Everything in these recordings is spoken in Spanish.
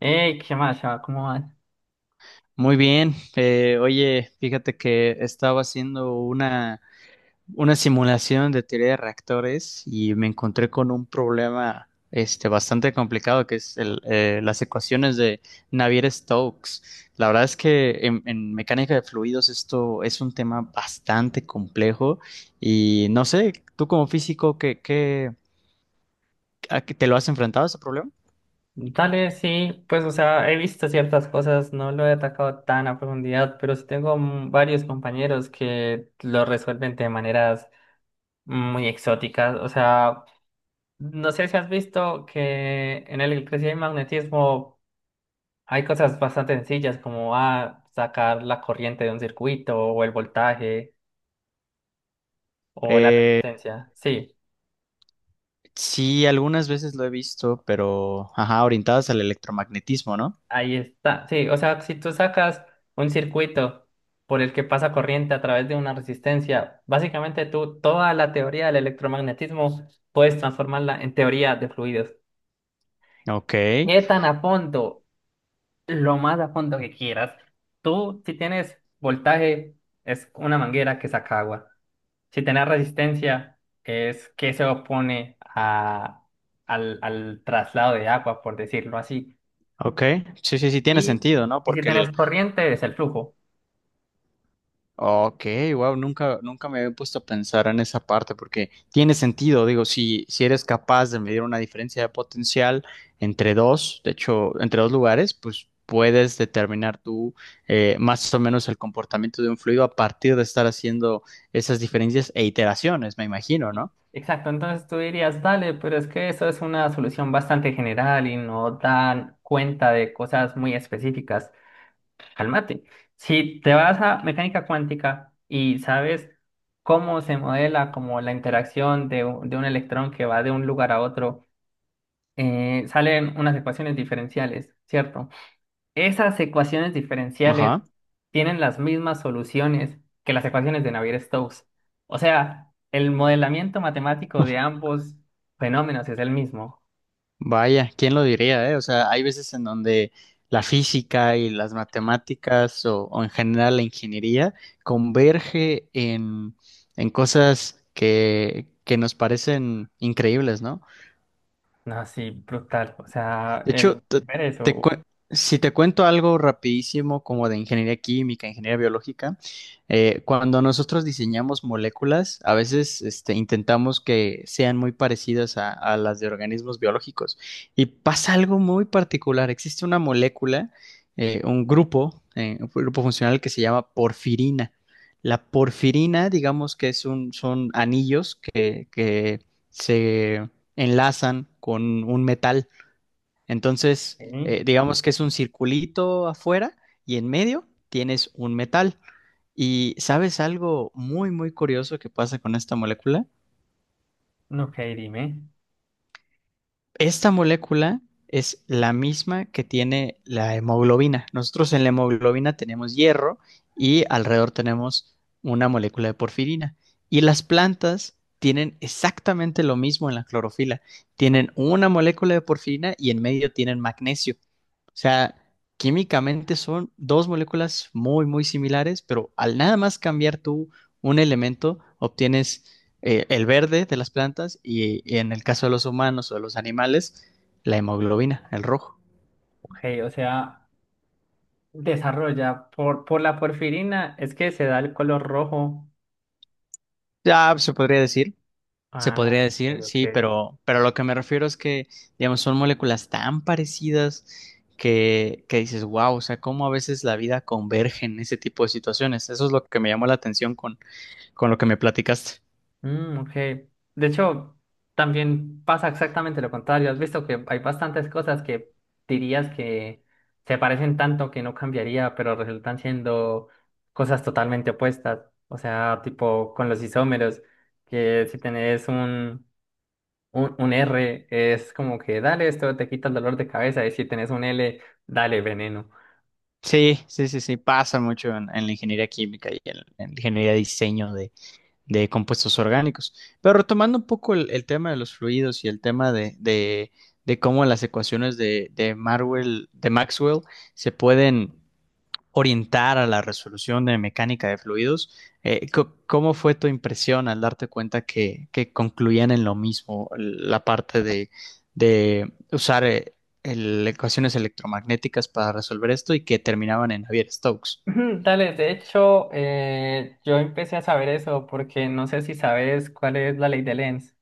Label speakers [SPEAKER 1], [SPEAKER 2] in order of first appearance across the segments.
[SPEAKER 1] Ey, ¿qué más, chava? ¿Cómo vas?
[SPEAKER 2] Muy bien. Oye, fíjate que estaba haciendo una simulación de teoría de reactores y me encontré con un problema este, bastante complicado que es las ecuaciones de Navier-Stokes. La verdad es que en mecánica de fluidos esto es un tema bastante complejo y no sé, tú como físico, ¿a qué te lo has enfrentado a ese problema?
[SPEAKER 1] Dale, sí, pues, o sea, he visto ciertas cosas, no lo he atacado tan a profundidad, pero sí tengo varios compañeros que lo resuelven de maneras muy exóticas. O sea, no sé si has visto que en el electricidad y magnetismo hay cosas bastante sencillas, como sacar la corriente de un circuito, o el voltaje, o la
[SPEAKER 2] Eh,
[SPEAKER 1] resistencia. Sí.
[SPEAKER 2] sí, algunas veces lo he visto, pero ajá, orientadas al electromagnetismo, ¿no?
[SPEAKER 1] Ahí está. Sí, o sea, si tú sacas un circuito por el que pasa corriente a través de una resistencia, básicamente tú toda la teoría del electromagnetismo puedes transformarla en teoría de fluidos.
[SPEAKER 2] Ok,
[SPEAKER 1] ¿Qué tan a fondo? Lo más a fondo que quieras. Tú, si tienes voltaje, es una manguera que saca agua. Si tienes resistencia, es que se opone a, al, al traslado de agua, por decirlo así.
[SPEAKER 2] ok, sí, sí, sí, tiene
[SPEAKER 1] Y,
[SPEAKER 2] sentido, ¿no?
[SPEAKER 1] y si tienes corriente, es el flujo.
[SPEAKER 2] Ok, wow, nunca me había puesto a pensar en esa parte, porque tiene sentido, digo, si eres capaz de medir una diferencia de potencial entre dos, de hecho, entre dos lugares, pues puedes determinar tú más o menos el comportamiento de un fluido a partir de estar haciendo esas diferencias e iteraciones, me imagino, ¿no?
[SPEAKER 1] Exacto, entonces tú dirías, dale, pero es que eso es una solución bastante general y no dan cuenta de cosas muy específicas. Cálmate. Si te vas a mecánica cuántica y sabes cómo se modela como la interacción de, de un electrón que va de un lugar a otro, salen unas ecuaciones diferenciales, ¿cierto? Esas ecuaciones diferenciales
[SPEAKER 2] Ajá.
[SPEAKER 1] tienen las mismas soluciones que las ecuaciones de Navier-Stokes. O sea, el modelamiento matemático de ambos fenómenos es el mismo.
[SPEAKER 2] Vaya, ¿quién lo diría, eh? O sea, hay veces en donde la física y las matemáticas o en general la ingeniería converge en cosas que nos parecen increíbles, ¿no?
[SPEAKER 1] No, sí, brutal. O sea,
[SPEAKER 2] De
[SPEAKER 1] el
[SPEAKER 2] hecho,
[SPEAKER 1] ver eso.
[SPEAKER 2] te
[SPEAKER 1] Ok,
[SPEAKER 2] cue- si te cuento algo rapidísimo como de ingeniería química, ingeniería biológica, cuando nosotros diseñamos moléculas, a veces este, intentamos que sean muy parecidas a las de organismos biológicos. Y pasa algo muy particular. Existe una molécula, un grupo funcional que se llama porfirina. La porfirina, digamos que es un, son anillos que se enlazan con un metal. Entonces, digamos que es un circulito afuera y en medio tienes un metal. ¿Y sabes algo muy, muy curioso que pasa con esta molécula?
[SPEAKER 1] no, ok, dime.
[SPEAKER 2] Esta molécula es la misma que tiene la hemoglobina. Nosotros en la hemoglobina tenemos hierro y alrededor tenemos una molécula de porfirina. Y las plantas tienen exactamente lo mismo en la clorofila. Tienen una molécula de porfirina y en medio tienen magnesio. O sea, químicamente son dos moléculas muy, muy similares, pero al nada más cambiar tú un elemento, obtienes el verde de las plantas y en el caso de los humanos o de los animales, la hemoglobina, el rojo.
[SPEAKER 1] Ok, o sea, desarrolla por la porfirina, es que se da el color rojo.
[SPEAKER 2] Ya se
[SPEAKER 1] Ah,
[SPEAKER 2] podría
[SPEAKER 1] ok,
[SPEAKER 2] decir, sí,
[SPEAKER 1] ok.
[SPEAKER 2] pero lo que me refiero es que, digamos, son moléculas tan parecidas que dices, wow, o sea, cómo a veces la vida converge en ese tipo de situaciones. Eso es lo que me llamó la atención con lo que me platicaste.
[SPEAKER 1] Mm, ok. De hecho, también pasa exactamente lo contrario. Has visto que hay bastantes cosas que dirías que se parecen tanto que no cambiaría, pero resultan siendo cosas totalmente opuestas. O sea, tipo con los isómeros, que si tenés un R, es como que dale, esto te quita el dolor de cabeza, y si tenés un L, dale, veneno.
[SPEAKER 2] Sí, sí, sí, sí, pasa mucho en la ingeniería química y en la ingeniería de diseño de compuestos orgánicos. Pero retomando un poco el tema de los fluidos y el tema de cómo las ecuaciones de de Maxwell se pueden orientar a la resolución de mecánica de fluidos, ¿cómo fue tu impresión al darte cuenta que concluían en lo mismo la parte de usar ecuaciones electromagnéticas para resolver esto y que terminaban en Navier-Stokes?
[SPEAKER 1] Ujú, dale, de hecho, yo empecé a saber eso porque no sé si sabes cuál es la ley de Lenz.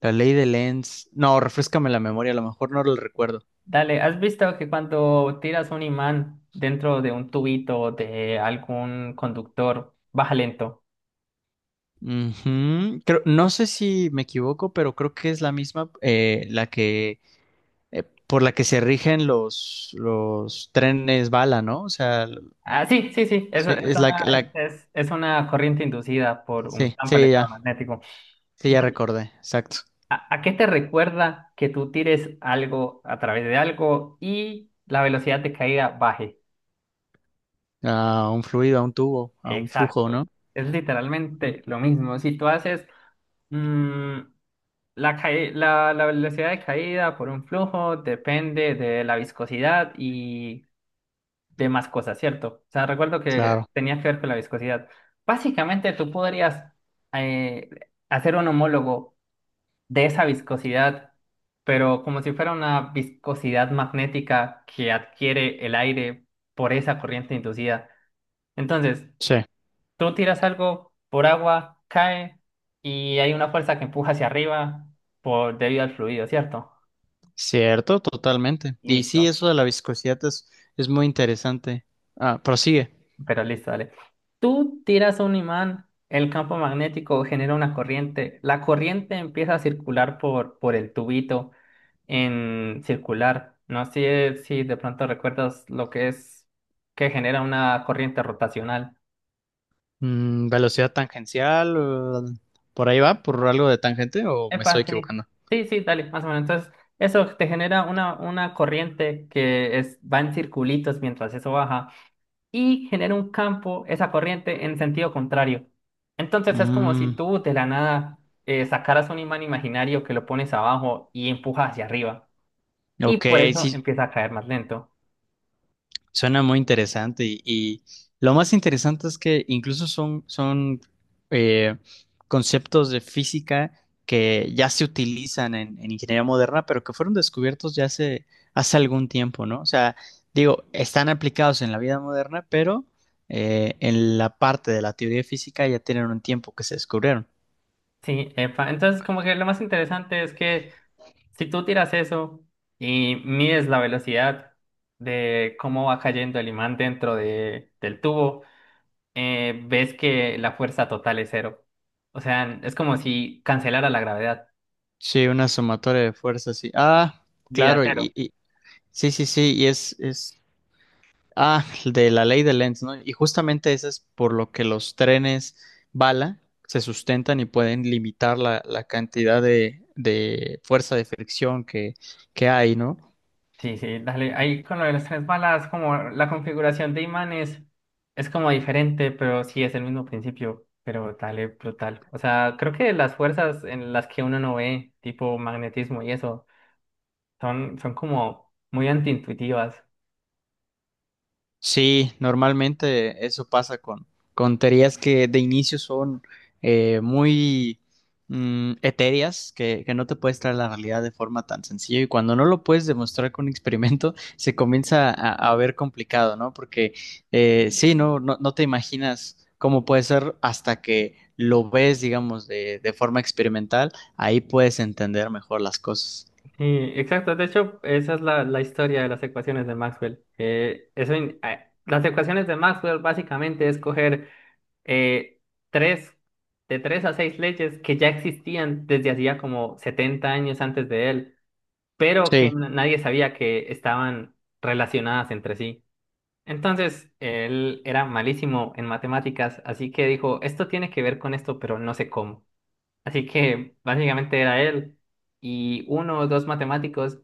[SPEAKER 2] La ley de Lenz, no, refrescame la memoria, a lo mejor no lo recuerdo.
[SPEAKER 1] Dale, ¿has visto que cuando tiras un imán dentro de un tubito de algún conductor, baja lento?
[SPEAKER 2] Ujú. No sé si me equivoco, pero creo que es la misma la que por la que se rigen los trenes bala, ¿no?
[SPEAKER 1] Ah, sí, sí, sí, eso
[SPEAKER 2] Sí,
[SPEAKER 1] es
[SPEAKER 2] es la
[SPEAKER 1] una,
[SPEAKER 2] que-
[SPEAKER 1] es,
[SPEAKER 2] la
[SPEAKER 1] es una corriente inducida por un
[SPEAKER 2] sí,
[SPEAKER 1] campo
[SPEAKER 2] sí ya,
[SPEAKER 1] electromagnético.
[SPEAKER 2] sí ya
[SPEAKER 1] Dale,
[SPEAKER 2] recordé, exacto.
[SPEAKER 1] ¿a, a qué te recuerda que tú tires algo a través de algo y la velocidad de caída baje?
[SPEAKER 2] A un fluido, a un tubo, a un flujo,
[SPEAKER 1] Exacto,
[SPEAKER 2] ¿no?
[SPEAKER 1] es
[SPEAKER 2] Mm,
[SPEAKER 1] literalmente lo mismo. Si tú haces... mm, la, la, la velocidad de caída por un flujo depende de la viscosidad y demás cosas, ¿cierto? O sea, recuerdo que
[SPEAKER 2] claro,
[SPEAKER 1] tenía que ver con la viscosidad. Básicamente, tú podrías eh, hacer un homólogo de esa viscosidad, pero como si fuera una viscosidad magnética que adquiere el aire por esa corriente inducida. Entonces,
[SPEAKER 2] sí,
[SPEAKER 1] tú tiras algo por agua, cae y hay una fuerza que empuja hacia arriba por, debido al fluido, ¿cierto?
[SPEAKER 2] cierto, totalmente. Y sí,
[SPEAKER 1] Listo,
[SPEAKER 2] eso de la viscosidad es muy interesante. Ah, prosigue.
[SPEAKER 1] pero listo, dale. Tú tiras un imán, el campo magnético genera una corriente, la corriente empieza a circular por el tubito en circular. No sé si de pronto recuerdas lo que es que genera una corriente rotacional.
[SPEAKER 2] Mm, velocidad tangencial, por ahí va, por algo de tangente o me estoy
[SPEAKER 1] Epa, sí.
[SPEAKER 2] equivocando.
[SPEAKER 1] Sí, sí, dale, más o menos. Entonces, eso te genera una corriente que es, va en circulitos mientras eso baja. Y genera un campo, esa corriente, en sentido contrario. Entonces es como si
[SPEAKER 2] Mm,
[SPEAKER 1] tú de la nada sacaras un imán imaginario que lo pones abajo y empujas hacia arriba. Y
[SPEAKER 2] ok,
[SPEAKER 1] por eso
[SPEAKER 2] sí,
[SPEAKER 1] empieza a caer más lento.
[SPEAKER 2] suena muy interesante y lo más interesante es que incluso son, son eh, conceptos de física que ya se utilizan en ingeniería moderna, pero que fueron descubiertos ya hace, hace algún tiempo, ¿no? O sea, digo, están aplicados en la vida moderna, pero en la parte de la teoría de física ya tienen un tiempo que se descubrieron.
[SPEAKER 1] Sí, epa. Entonces como que lo más interesante es que si tú tiras eso y mides la velocidad de cómo va cayendo el imán dentro de, del tubo, ves que la fuerza total es cero. O sea, es como si cancelara la gravedad.
[SPEAKER 2] Sí, una sumatoria de fuerzas, sí. Ah,
[SPEAKER 1] Vida
[SPEAKER 2] claro,
[SPEAKER 1] cero.
[SPEAKER 2] sí, sí, sí, y es ah, de la ley de Lenz, ¿no? Y justamente eso es por lo que los trenes bala se sustentan y pueden limitar la, la cantidad de fuerza de fricción que hay, ¿no?
[SPEAKER 1] Sí, sí, dale. Ahí con lo de las tres balas, como la configuración de imanes es como diferente, pero sí es el mismo principio. Pero dale, brutal. O sea, creo que las fuerzas en las que uno no ve, tipo magnetismo y eso, son, son como muy antiintuitivas.
[SPEAKER 2] Sí, normalmente eso pasa con teorías que de inicio son muy etéreas, que no te puedes traer a la realidad de forma tan sencilla y cuando no lo puedes demostrar con un experimento, se comienza a ver complicado, ¿no? Porque sí, no te imaginas cómo puede ser hasta que lo ves, digamos, de forma experimental, ahí puedes entender mejor las cosas.
[SPEAKER 1] Sí, exacto. De hecho, esa es la, la historia de las ecuaciones de Maxwell. Las ecuaciones de Maxwell básicamente es coger eh, tres, de tres a seis leyes que ya existían desde hacía como 70 años antes de él, pero que
[SPEAKER 2] Sí.
[SPEAKER 1] nadie sabía que estaban relacionadas entre sí. Entonces, él era malísimo en matemáticas, así que dijo, esto tiene que ver con esto, pero no sé cómo. Así que básicamente era él y uno o dos matemáticos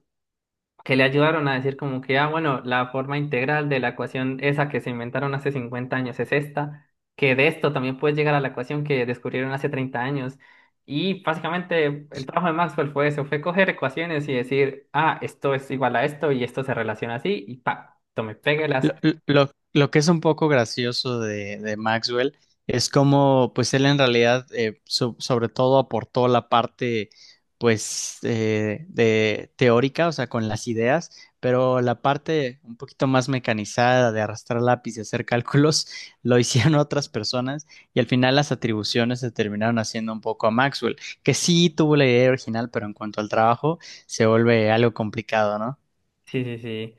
[SPEAKER 1] que le ayudaron a decir como que, ah, bueno, la forma integral de la ecuación esa que se inventaron hace 50 años es esta, que de esto también puedes llegar a la ecuación que descubrieron hace 30 años. Y básicamente el trabajo de Maxwell fue eso, fue coger ecuaciones y decir, ah, esto es igual a esto y esto se relaciona así y pa, tome,
[SPEAKER 2] Lo,
[SPEAKER 1] péguelas.
[SPEAKER 2] lo que es un poco gracioso de Maxwell es como, pues él en realidad, sobre todo aportó la parte, pues, de teórica, o sea, con las ideas, pero la parte un poquito más mecanizada de arrastrar lápiz y hacer cálculos lo hicieron otras personas y al final las atribuciones se terminaron haciendo un poco a Maxwell, que sí tuvo la idea original, pero en cuanto al trabajo se vuelve algo complicado, ¿no?
[SPEAKER 1] Sí, sí, sí.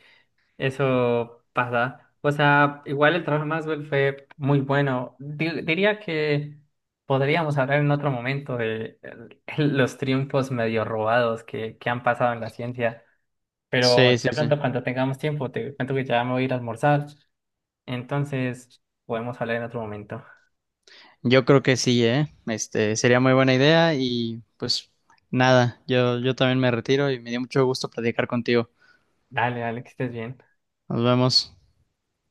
[SPEAKER 1] Eso pasa. O sea, igual el trabajo de Maxwell fue muy bueno. Diría que podríamos hablar en otro momento de los triunfos medio robados que han pasado en la ciencia.
[SPEAKER 2] Sí,
[SPEAKER 1] Pero
[SPEAKER 2] sí,
[SPEAKER 1] de
[SPEAKER 2] sí.
[SPEAKER 1] pronto cuando tengamos tiempo, te cuento que ya me voy a ir a almorzar. Entonces, podemos hablar en otro momento.
[SPEAKER 2] Yo creo que sí, ¿eh? Este, sería muy buena idea y pues nada, yo también me retiro y me dio mucho gusto platicar contigo.
[SPEAKER 1] Dale, dale, que estés bien.
[SPEAKER 2] Nos vemos.